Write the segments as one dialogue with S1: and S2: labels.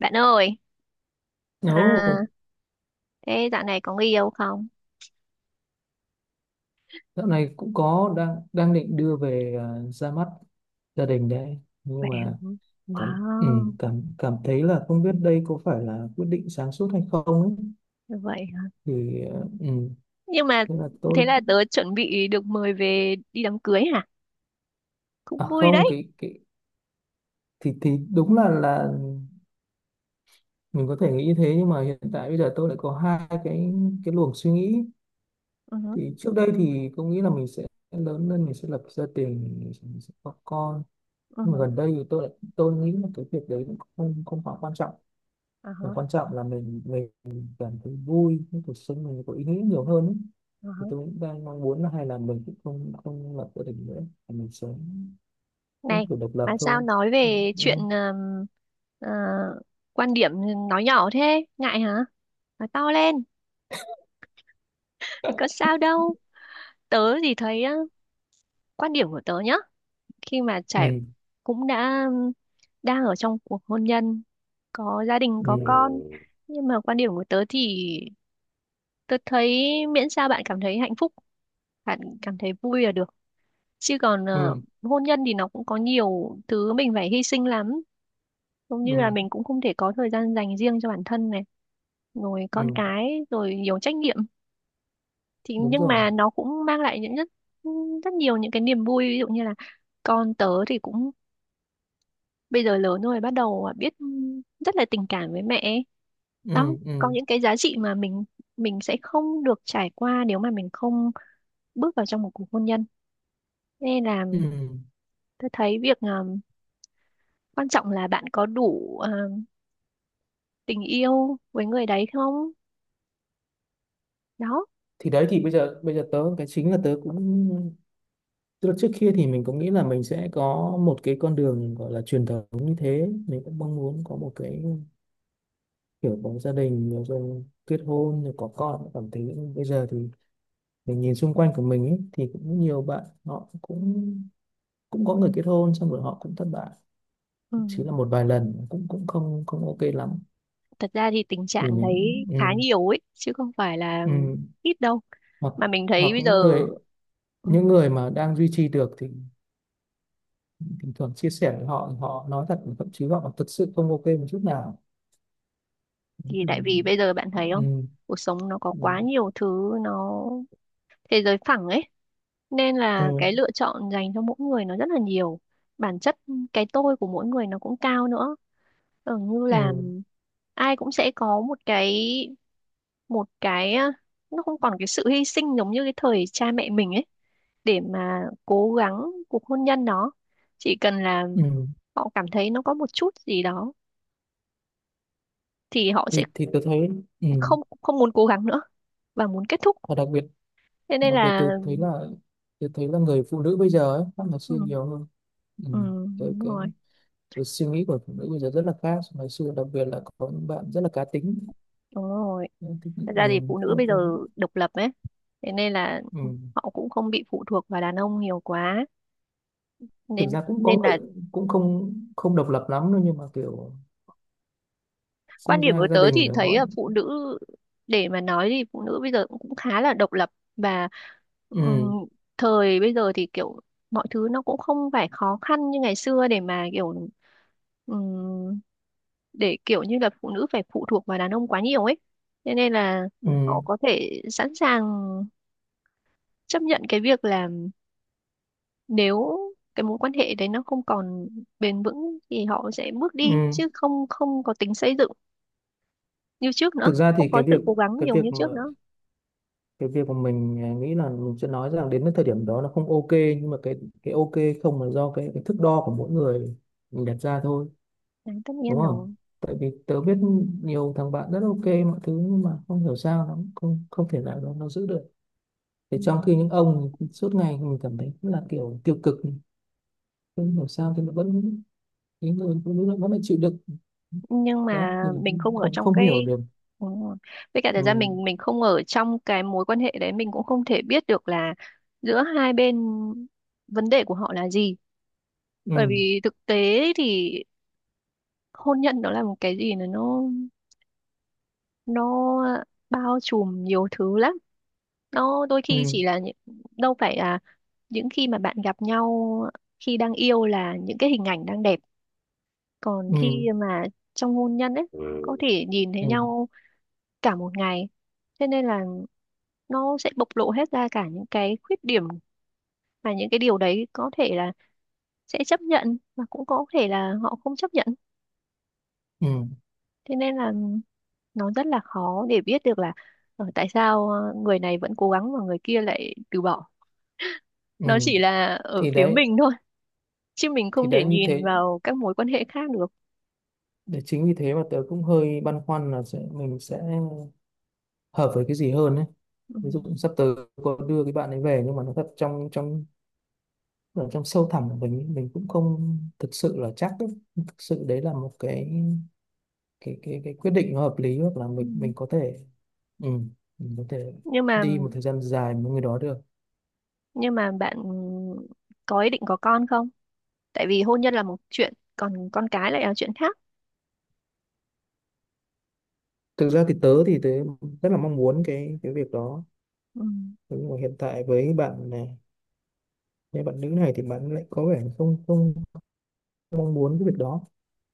S1: Bạn ơi, à,
S2: Ồ,
S1: thế dạo này có người yêu không?
S2: dạo này cũng có đang đang định đưa về, à, ra mắt gia đình đấy. Nhưng
S1: Vậy
S2: mà
S1: hả?
S2: cảm ừ,
S1: Wow,
S2: cảm cảm thấy là không biết đây có phải là quyết định sáng suốt hay không ấy.
S1: như vậy hả?
S2: Thì
S1: Nhưng mà
S2: thế là tôi...
S1: thế là tớ chuẩn bị được mời về đi đám cưới hả? Cũng
S2: à
S1: vui
S2: không,
S1: đấy.
S2: cái thì đúng là mình có thể nghĩ như thế, nhưng mà hiện tại bây giờ tôi lại có hai cái luồng suy nghĩ.
S1: Ừ hứ.
S2: Thì trước đây thì tôi nghĩ là mình sẽ lớn lên mình sẽ lập gia đình, mình sẽ có con.
S1: Ừ
S2: Nhưng mà
S1: hứ.
S2: gần đây thì tôi lại nghĩ là cái việc đấy cũng không không quá quan trọng.
S1: Ờ hả,
S2: Và quan trọng là mình cảm thấy vui, cái cuộc sống mình có ý nghĩa nhiều hơn ấy.
S1: ờ hả.
S2: Thì tôi cũng đang mong muốn là hay là mình cũng không không lập gia đình nữa, mà mình sống cũng
S1: Này,
S2: kiểu độc
S1: mà
S2: lập
S1: sao
S2: thôi.
S1: nói
S2: Ừ,
S1: về
S2: ừ,
S1: chuyện ờ, quan điểm nói nhỏ thế? Ngại hả? Nói to lên, có sao đâu. Tớ thì thấy quan điểm của tớ nhá. Khi mà trải cũng đã đang ở trong cuộc hôn nhân, có gia đình, có con,
S2: ừ.
S1: nhưng mà quan điểm của tớ thì tớ thấy miễn sao bạn cảm thấy hạnh phúc, bạn cảm thấy vui là được, chứ còn
S2: Ừ.
S1: hôn nhân thì nó cũng có nhiều thứ mình phải hy sinh lắm, giống
S2: Ừ,
S1: như là
S2: ừ.
S1: mình cũng không thể có thời gian dành riêng cho bản thân này, rồi con
S2: Ừ.
S1: cái, rồi nhiều trách nhiệm, thì
S2: Đúng
S1: nhưng
S2: rồi.
S1: mà nó cũng mang lại những rất rất nhiều những cái niềm vui, ví dụ như là con tớ thì cũng bây giờ lớn rồi, bắt đầu biết rất là tình cảm với mẹ ấy. Đó,
S2: Ừ,
S1: có
S2: ừ,
S1: những cái giá trị mà mình sẽ không được trải qua nếu mà mình không bước vào trong một cuộc hôn nhân, nên là
S2: ừ.
S1: tôi thấy việc quan trọng là bạn có đủ tình yêu với người đấy không, đó.
S2: Thì đấy, thì bây giờ tớ cái chính là tớ cũng, tức là trước kia thì mình cũng nghĩ là mình sẽ có một cái con đường gọi là truyền thống như thế, mình cũng mong muốn có một cái kiểu có gia đình rồi kết hôn rồi có con. Cảm thấy bây giờ thì mình nhìn xung quanh của mình ấy, thì cũng nhiều bạn họ cũng cũng có người kết hôn xong rồi họ cũng thất bại, chỉ là
S1: Ừm,
S2: một vài lần, cũng cũng không không ok lắm.
S1: thật ra thì tình
S2: Thì
S1: trạng
S2: mình,
S1: đấy
S2: ừ,
S1: khá nhiều ấy chứ không phải là
S2: ừ.
S1: ít đâu,
S2: hoặc
S1: mà mình
S2: hoặc
S1: thấy bây giờ
S2: những người
S1: ừm,
S2: những người mà đang duy trì được, thì thỉnh thoảng chia sẻ với họ, họ nói thật, thậm chí họ thật sự không ok một chút nào.
S1: thì
S2: Ừ.
S1: tại vì bây giờ bạn thấy không,
S2: Ừ.
S1: cuộc sống nó có
S2: Ừ.
S1: quá nhiều thứ, nó thế giới phẳng ấy, nên là
S2: Ừ.
S1: cái lựa chọn dành cho mỗi người nó rất là nhiều. Bản chất cái tôi của mỗi người nó cũng cao nữa, ở như
S2: Ừ.
S1: là ai cũng sẽ có một cái, nó không còn cái sự hy sinh giống như cái thời cha mẹ mình ấy, để mà cố gắng cuộc hôn nhân đó. Chỉ cần là
S2: Ừ.
S1: họ cảm thấy nó có một chút gì đó thì họ sẽ
S2: Thì tôi thấy, ừ.
S1: không không muốn cố gắng nữa và muốn kết thúc,
S2: và đặc biệt
S1: thế nên
S2: Đặc biệt tôi
S1: là.
S2: thấy là tôi thấy là người phụ nữ bây giờ ấy, khác ngày
S1: Ừ,
S2: xưa nhiều hơn. Ừ.
S1: ừ,
S2: Cái,
S1: đúng
S2: cái,
S1: rồi,
S2: cái suy nghĩ của phụ nữ bây giờ rất là khác so với ngày xưa, đặc biệt là có những bạn rất là cá tính.
S1: đúng rồi.
S2: Ừ, tức
S1: Thật ra thì phụ nữ
S2: là
S1: bây giờ độc lập ấy, thế nên là
S2: ừ.
S1: họ cũng không bị phụ thuộc vào đàn ông nhiều quá.
S2: Thực
S1: Nên
S2: ra cũng có
S1: nên
S2: người
S1: là
S2: cũng không không độc lập lắm đâu, nhưng mà kiểu
S1: quan
S2: sinh
S1: điểm
S2: ra
S1: của
S2: cái gia
S1: tớ
S2: đình
S1: thì
S2: để
S1: thấy
S2: mọi...
S1: là phụ nữ, để mà nói thì phụ nữ bây giờ cũng cũng khá là độc lập, và
S2: Ừ,
S1: ừm, thời bây giờ thì kiểu mọi thứ nó cũng không phải khó khăn như ngày xưa để mà kiểu ừm, để kiểu như là phụ nữ phải phụ thuộc vào đàn ông quá nhiều ấy. Thế nên là
S2: ừ,
S1: họ có thể sẵn sàng chấp nhận cái việc là nếu cái mối quan hệ đấy nó không còn bền vững thì họ sẽ bước đi,
S2: ừ.
S1: chứ không không có tính xây dựng như trước nữa,
S2: Thực ra thì
S1: không có sự cố gắng
S2: cái
S1: nhiều
S2: việc
S1: như
S2: mà
S1: trước nữa.
S2: cái việc mà mình, nghĩ là mình sẽ nói rằng đến cái thời điểm đó nó không ok, nhưng mà cái ok không là do cái thước đo của mỗi người mình đặt ra thôi,
S1: Đấy, tất
S2: đúng
S1: nhiên
S2: không?
S1: rồi,
S2: Tại vì tớ biết nhiều thằng bạn rất ok mọi thứ, nhưng mà không hiểu sao nó không không thể nào nó giữ được. Thì
S1: ừ.
S2: trong khi những ông suốt ngày mình cảm thấy là kiểu tiêu cực, không hiểu sao thì nó vẫn, cái người phụ nữ nó vẫn là chịu đựng,
S1: Nhưng
S2: đấy
S1: mà
S2: thì
S1: mình không ở
S2: không
S1: trong
S2: không hiểu
S1: cái.
S2: được.
S1: Ừ. Với cả thời gian
S2: Ừ,
S1: mình không ở trong cái mối quan hệ đấy, mình cũng không thể biết được là giữa hai bên vấn đề của họ là gì, bởi
S2: ừ,
S1: vì thực tế thì hôn nhân nó là một cái gì, nó bao trùm nhiều thứ lắm. Nó đôi khi
S2: ừ,
S1: chỉ là, đâu phải là những khi mà bạn gặp nhau, khi đang yêu là những cái hình ảnh đang đẹp, còn khi
S2: ừ.
S1: mà trong hôn nhân ấy
S2: Ừ.
S1: có thể nhìn thấy
S2: Ừ,
S1: nhau cả một ngày, thế nên là nó sẽ bộc lộ hết ra cả những cái khuyết điểm, mà những cái điều đấy có thể là sẽ chấp nhận mà cũng có thể là họ không chấp nhận,
S2: ừ,
S1: thế nên là nó rất là khó để biết được là tại sao người này vẫn cố gắng mà người kia lại từ bỏ,
S2: ừ.
S1: nó chỉ là ở
S2: thì
S1: phía
S2: đấy
S1: mình thôi, chứ mình
S2: thì
S1: không thể
S2: đấy như
S1: nhìn
S2: thế,
S1: vào các mối quan hệ khác được.
S2: để chính vì thế mà tớ cũng hơi băn khoăn là mình sẽ hợp với cái gì hơn ấy.
S1: Ừ.
S2: Ví dụ sắp tới có đưa cái bạn ấy về, nhưng mà nó thật trong trong ở trong sâu thẳm của mình cũng không thực sự là chắc ấy. Thực sự đấy là một cái quyết định nó hợp lý, hoặc là
S1: Ừ.
S2: mình có thể, ừ, mình có thể
S1: nhưng mà
S2: đi một thời gian dài với người đó được.
S1: nhưng mà bạn có ý định có con không? Tại vì hôn nhân là một chuyện, còn con cái lại là chuyện khác.
S2: Thực ra thì tớ rất là mong muốn cái việc đó.
S1: Ừ.
S2: Thế nhưng mà hiện tại với bạn này, với bạn nữ này thì bạn lại có vẻ không không mong muốn cái việc đó,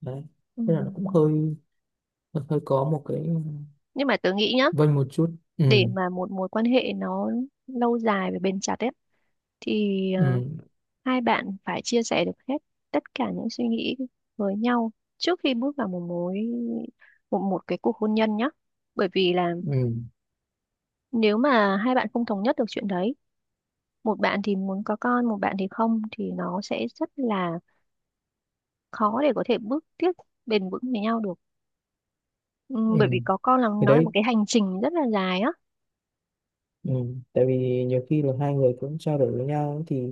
S2: đấy,
S1: Ừ.
S2: thế là nó cũng hơi hơi có một cái
S1: Nhưng mà tớ nghĩ nhá,
S2: vênh một chút, ừ.
S1: để mà một mối quan hệ nó lâu dài và bền chặt ấy, thì
S2: Ừ,
S1: hai bạn phải chia sẻ được hết tất cả những suy nghĩ với nhau trước khi bước vào một mối một cái cuộc hôn nhân nhé. Bởi vì là
S2: ừ.
S1: nếu mà hai bạn không thống nhất được chuyện đấy, một bạn thì muốn có con, một bạn thì không, thì nó sẽ rất là khó để có thể bước tiếp bền vững với nhau được. Bởi vì
S2: Ừ.
S1: có con là
S2: Thì
S1: nó là một
S2: đấy,
S1: cái hành trình rất là dài á.
S2: ừ. Tại vì nhiều khi là hai người cũng trao đổi với nhau thì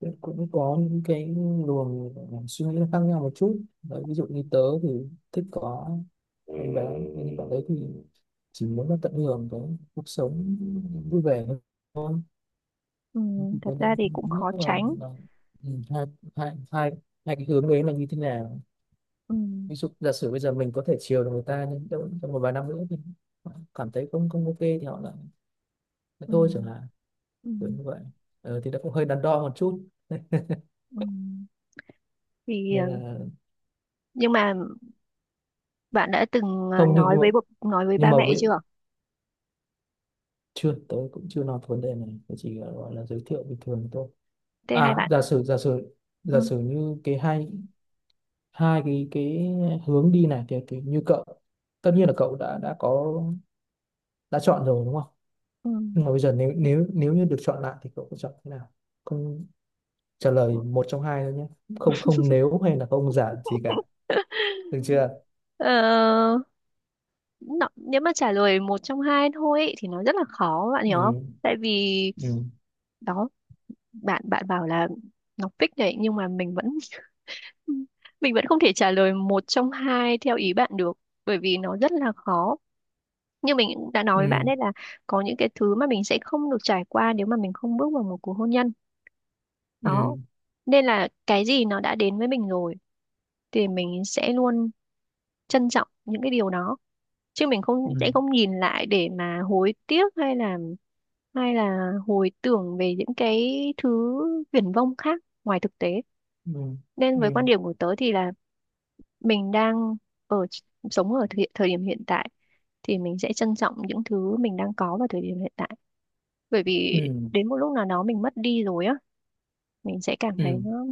S2: cũng cũng có những cái luồng suy nghĩ nó khác nhau một chút đấy, ví dụ như tớ thì thích có em bé, nhưng bạn đấy thì chỉ muốn nó tận hưởng cái cuộc sống vui vẻ thôi. Thì
S1: Thật
S2: tớ
S1: ra
S2: đang
S1: thì cũng khó
S2: lúc là,
S1: tránh.
S2: là ừ, hai, hai, hai cái hướng đấy là như thế nào.
S1: Ừm.
S2: Ví dụ giả sử bây giờ mình có thể chiều được người ta, nhưng trong một vài năm nữa thì cảm thấy không không ok thì họ lại lại thôi chẳng
S1: Ừm.
S2: hạn.
S1: Ừm.
S2: Đúng vậy. Thì nó cũng hơi đắn đo một chút.
S1: Ừm. Thì
S2: Nên là
S1: nhưng mà bạn đã từng
S2: không, nhưng
S1: nói
S2: nhưng mà,
S1: với bố, nói với
S2: nhưng
S1: ba
S2: mà
S1: mẹ
S2: với,
S1: chưa?
S2: chưa, tôi cũng chưa nói vấn đề này. Tôi chỉ gọi là giới thiệu bình thường thôi.
S1: Thế hai
S2: À, giả
S1: bạn.
S2: sử giả sử
S1: Ừ.
S2: giả sử như cái hai hai cái hướng đi này thì như cậu tất nhiên là cậu đã có, đã chọn rồi đúng không?
S1: Ừ.
S2: Nhưng mà bây giờ nếu nếu nếu như được chọn lại thì cậu sẽ chọn thế nào? Không trả lời một trong hai thôi nhé. Không, không nếu hay là không giả gì cả. Được chưa?
S1: Ờ, nó, nếu mà trả lời một trong hai thôi ý, thì nó rất là khó bạn hiểu không?
S2: Ừ.
S1: Tại vì
S2: Ừ.
S1: đó, bạn bạn bảo là nó fix đấy, nhưng mà mình vẫn mình vẫn không thể trả lời một trong hai theo ý bạn được, bởi vì nó rất là khó. Như mình cũng đã nói với bạn
S2: Ừ.
S1: đấy là có những cái thứ mà mình sẽ không được trải qua nếu mà mình không bước vào một cuộc hôn nhân. Đó.
S2: Ừ.
S1: Nên là cái gì nó đã đến với mình rồi thì mình sẽ luôn trân trọng những cái điều đó, chứ mình không
S2: Ừ.
S1: sẽ không nhìn lại để mà hối tiếc, hay là hồi tưởng về những cái thứ viển vông khác ngoài thực tế,
S2: Ừ,
S1: nên với quan
S2: ừ,
S1: điểm của tớ thì là mình đang ở sống ở thời điểm hiện tại, thì mình sẽ trân trọng những thứ mình đang có vào thời điểm hiện tại, bởi vì
S2: ừ,
S1: đến một lúc nào đó mình mất đi rồi á, mình sẽ cảm thấy
S2: ừ.
S1: nó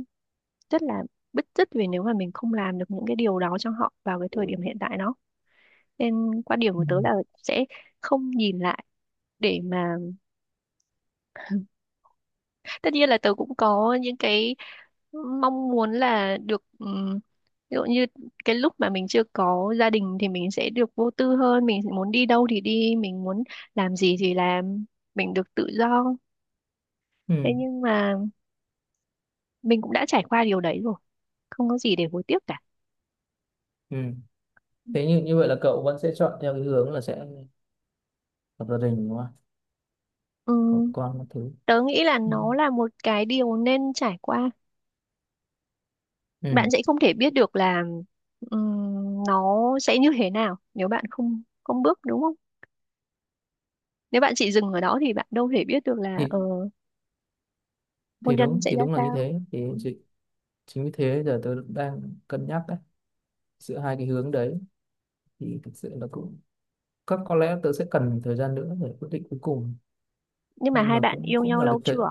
S1: rất là bứt rứt vì nếu mà mình không làm được những cái điều đó cho họ vào cái thời điểm
S2: Ừ.
S1: hiện tại đó, nên quan điểm
S2: Ừ,
S1: của tớ là sẽ không nhìn lại để mà, tất nhiên là tớ cũng có những cái mong muốn là được ví dụ như cái lúc mà mình chưa có gia đình thì mình sẽ được vô tư hơn, mình muốn đi đâu thì đi, mình muốn làm gì thì làm, mình được tự do, thế
S2: ừ,
S1: nhưng mà mình cũng đã trải qua điều đấy rồi, không có gì để hối tiếc cả.
S2: ừ. Thế như như vậy là cậu vẫn sẽ chọn theo cái hướng là sẽ lập gia đình đúng không, có
S1: Ừm,
S2: con các thứ.
S1: tớ nghĩ là
S2: Ừ.
S1: nó là một cái điều nên trải qua, bạn
S2: Ừ.
S1: sẽ không thể biết được là nó sẽ như thế nào nếu bạn không không bước đúng không, nếu bạn chỉ dừng ở đó thì bạn đâu thể biết được là
S2: thì
S1: hôn
S2: thì
S1: nhân
S2: đúng
S1: sẽ
S2: thì
S1: ra
S2: đúng là như
S1: sao.
S2: thế thì
S1: Ừ.
S2: chính vì thế giờ tớ đang cân nhắc đấy, giữa hai cái hướng đấy thì thực sự là cũng, có lẽ tớ sẽ cần thời gian nữa để quyết định cuối cùng.
S1: Nhưng mà
S2: Nhưng
S1: hai
S2: mà
S1: bạn
S2: cũng
S1: yêu
S2: cũng
S1: nhau
S2: là
S1: lâu
S2: cái
S1: chưa?
S2: tệ,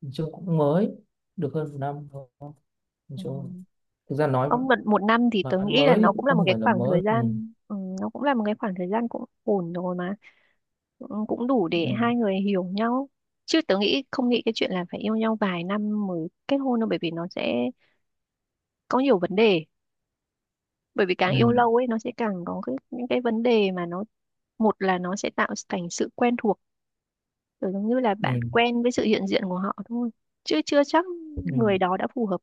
S2: nói chung cũng mới được hơn một năm thôi. Nói chung
S1: Ừm,
S2: thực ra nói,
S1: không, một,
S2: mà
S1: một năm thì tớ
S2: nói
S1: nghĩ là
S2: mới thì
S1: nó cũng là
S2: cũng
S1: một
S2: không
S1: cái
S2: phải là
S1: khoảng
S2: mới,
S1: thời
S2: ừ.
S1: gian, nó cũng là một cái khoảng thời gian cũng ổn rồi mà. Cũng đủ
S2: Ừ.
S1: để hai người hiểu nhau, chứ tớ nghĩ không nghĩ cái chuyện là phải yêu nhau vài năm mới kết hôn đâu, bởi vì nó sẽ có nhiều vấn đề, bởi vì càng yêu
S2: Ừ,
S1: lâu ấy nó sẽ càng có những cái vấn đề mà nó, một là nó sẽ tạo thành sự quen thuộc, kiểu giống như là bạn
S2: ừ,
S1: quen với sự hiện diện của họ thôi, chứ chưa chắc
S2: ừ.
S1: người đó đã phù hợp,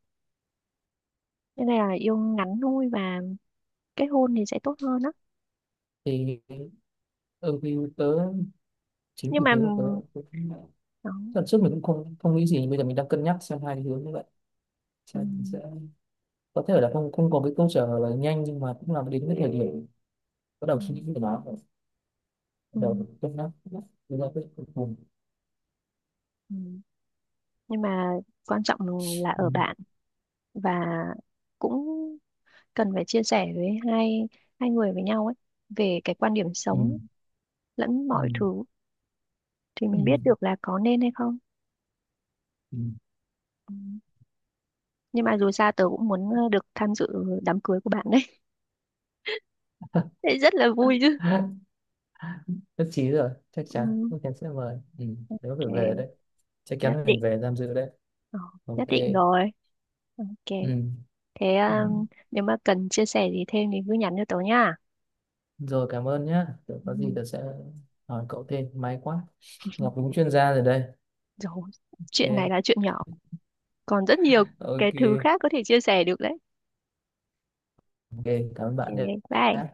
S1: nên là yêu ngắn thôi và kết hôn thì sẽ tốt hơn á.
S2: Thì ừ, thì tớ, chính
S1: Nhưng
S2: vì
S1: mà
S2: thế mà tớ cũng,
S1: đó.
S2: lần trước mình cũng không không nghĩ gì, bây giờ mình đang cân nhắc xem hai cái hướng như vậy, xem mình sẽ,
S1: Ừm.
S2: có thể là không không có cái câu trả lời nhanh, nhưng mà cũng là đến cái thời điểm bắt đầu suy nghĩ
S1: Ừm.
S2: về nó, bắt
S1: Ừm.
S2: đầu cân nhắc, đưa ra quyết định cuối cùng.
S1: Ừm. Nhưng mà quan trọng là ở
S2: Ừ,
S1: bạn và cũng cần phải chia sẻ với hai hai người với nhau ấy về cái quan điểm
S2: ừ,
S1: sống lẫn
S2: ừ,
S1: mọi thứ, thì mình biết
S2: ừ,
S1: được là có nên hay không.
S2: ừ.
S1: Ừ. Nhưng mà dù sao tớ cũng muốn được tham dự đám cưới của bạn đấy. Đấy rất là vui chứ.
S2: Nhất trí rồi,
S1: Ừ,
S2: chắc chắn sẽ mời, ừ, nếu phải về
S1: ok,
S2: đấy chắc chắn
S1: nhất
S2: là
S1: định.
S2: mình về tham dự đấy.
S1: Ờ, nhất
S2: Ok.
S1: định rồi. Ok.
S2: Ừ.
S1: Thế
S2: Ừ.
S1: nếu mà cần chia sẻ gì thêm thì cứ nhắn cho tớ nha.
S2: Rồi, cảm ơn nhé.
S1: Ừ,
S2: Có gì tớ sẽ hỏi cậu thêm. May quá. Ngọc đúng chuyên gia rồi đây.
S1: rồi, chuyện này
S2: Ok.
S1: là chuyện nhỏ. Còn rất nhiều cái
S2: Ok.
S1: thứ khác có thể chia sẻ được đấy.
S2: Ok. Cảm ơn bạn nhé.
S1: Ok, bye.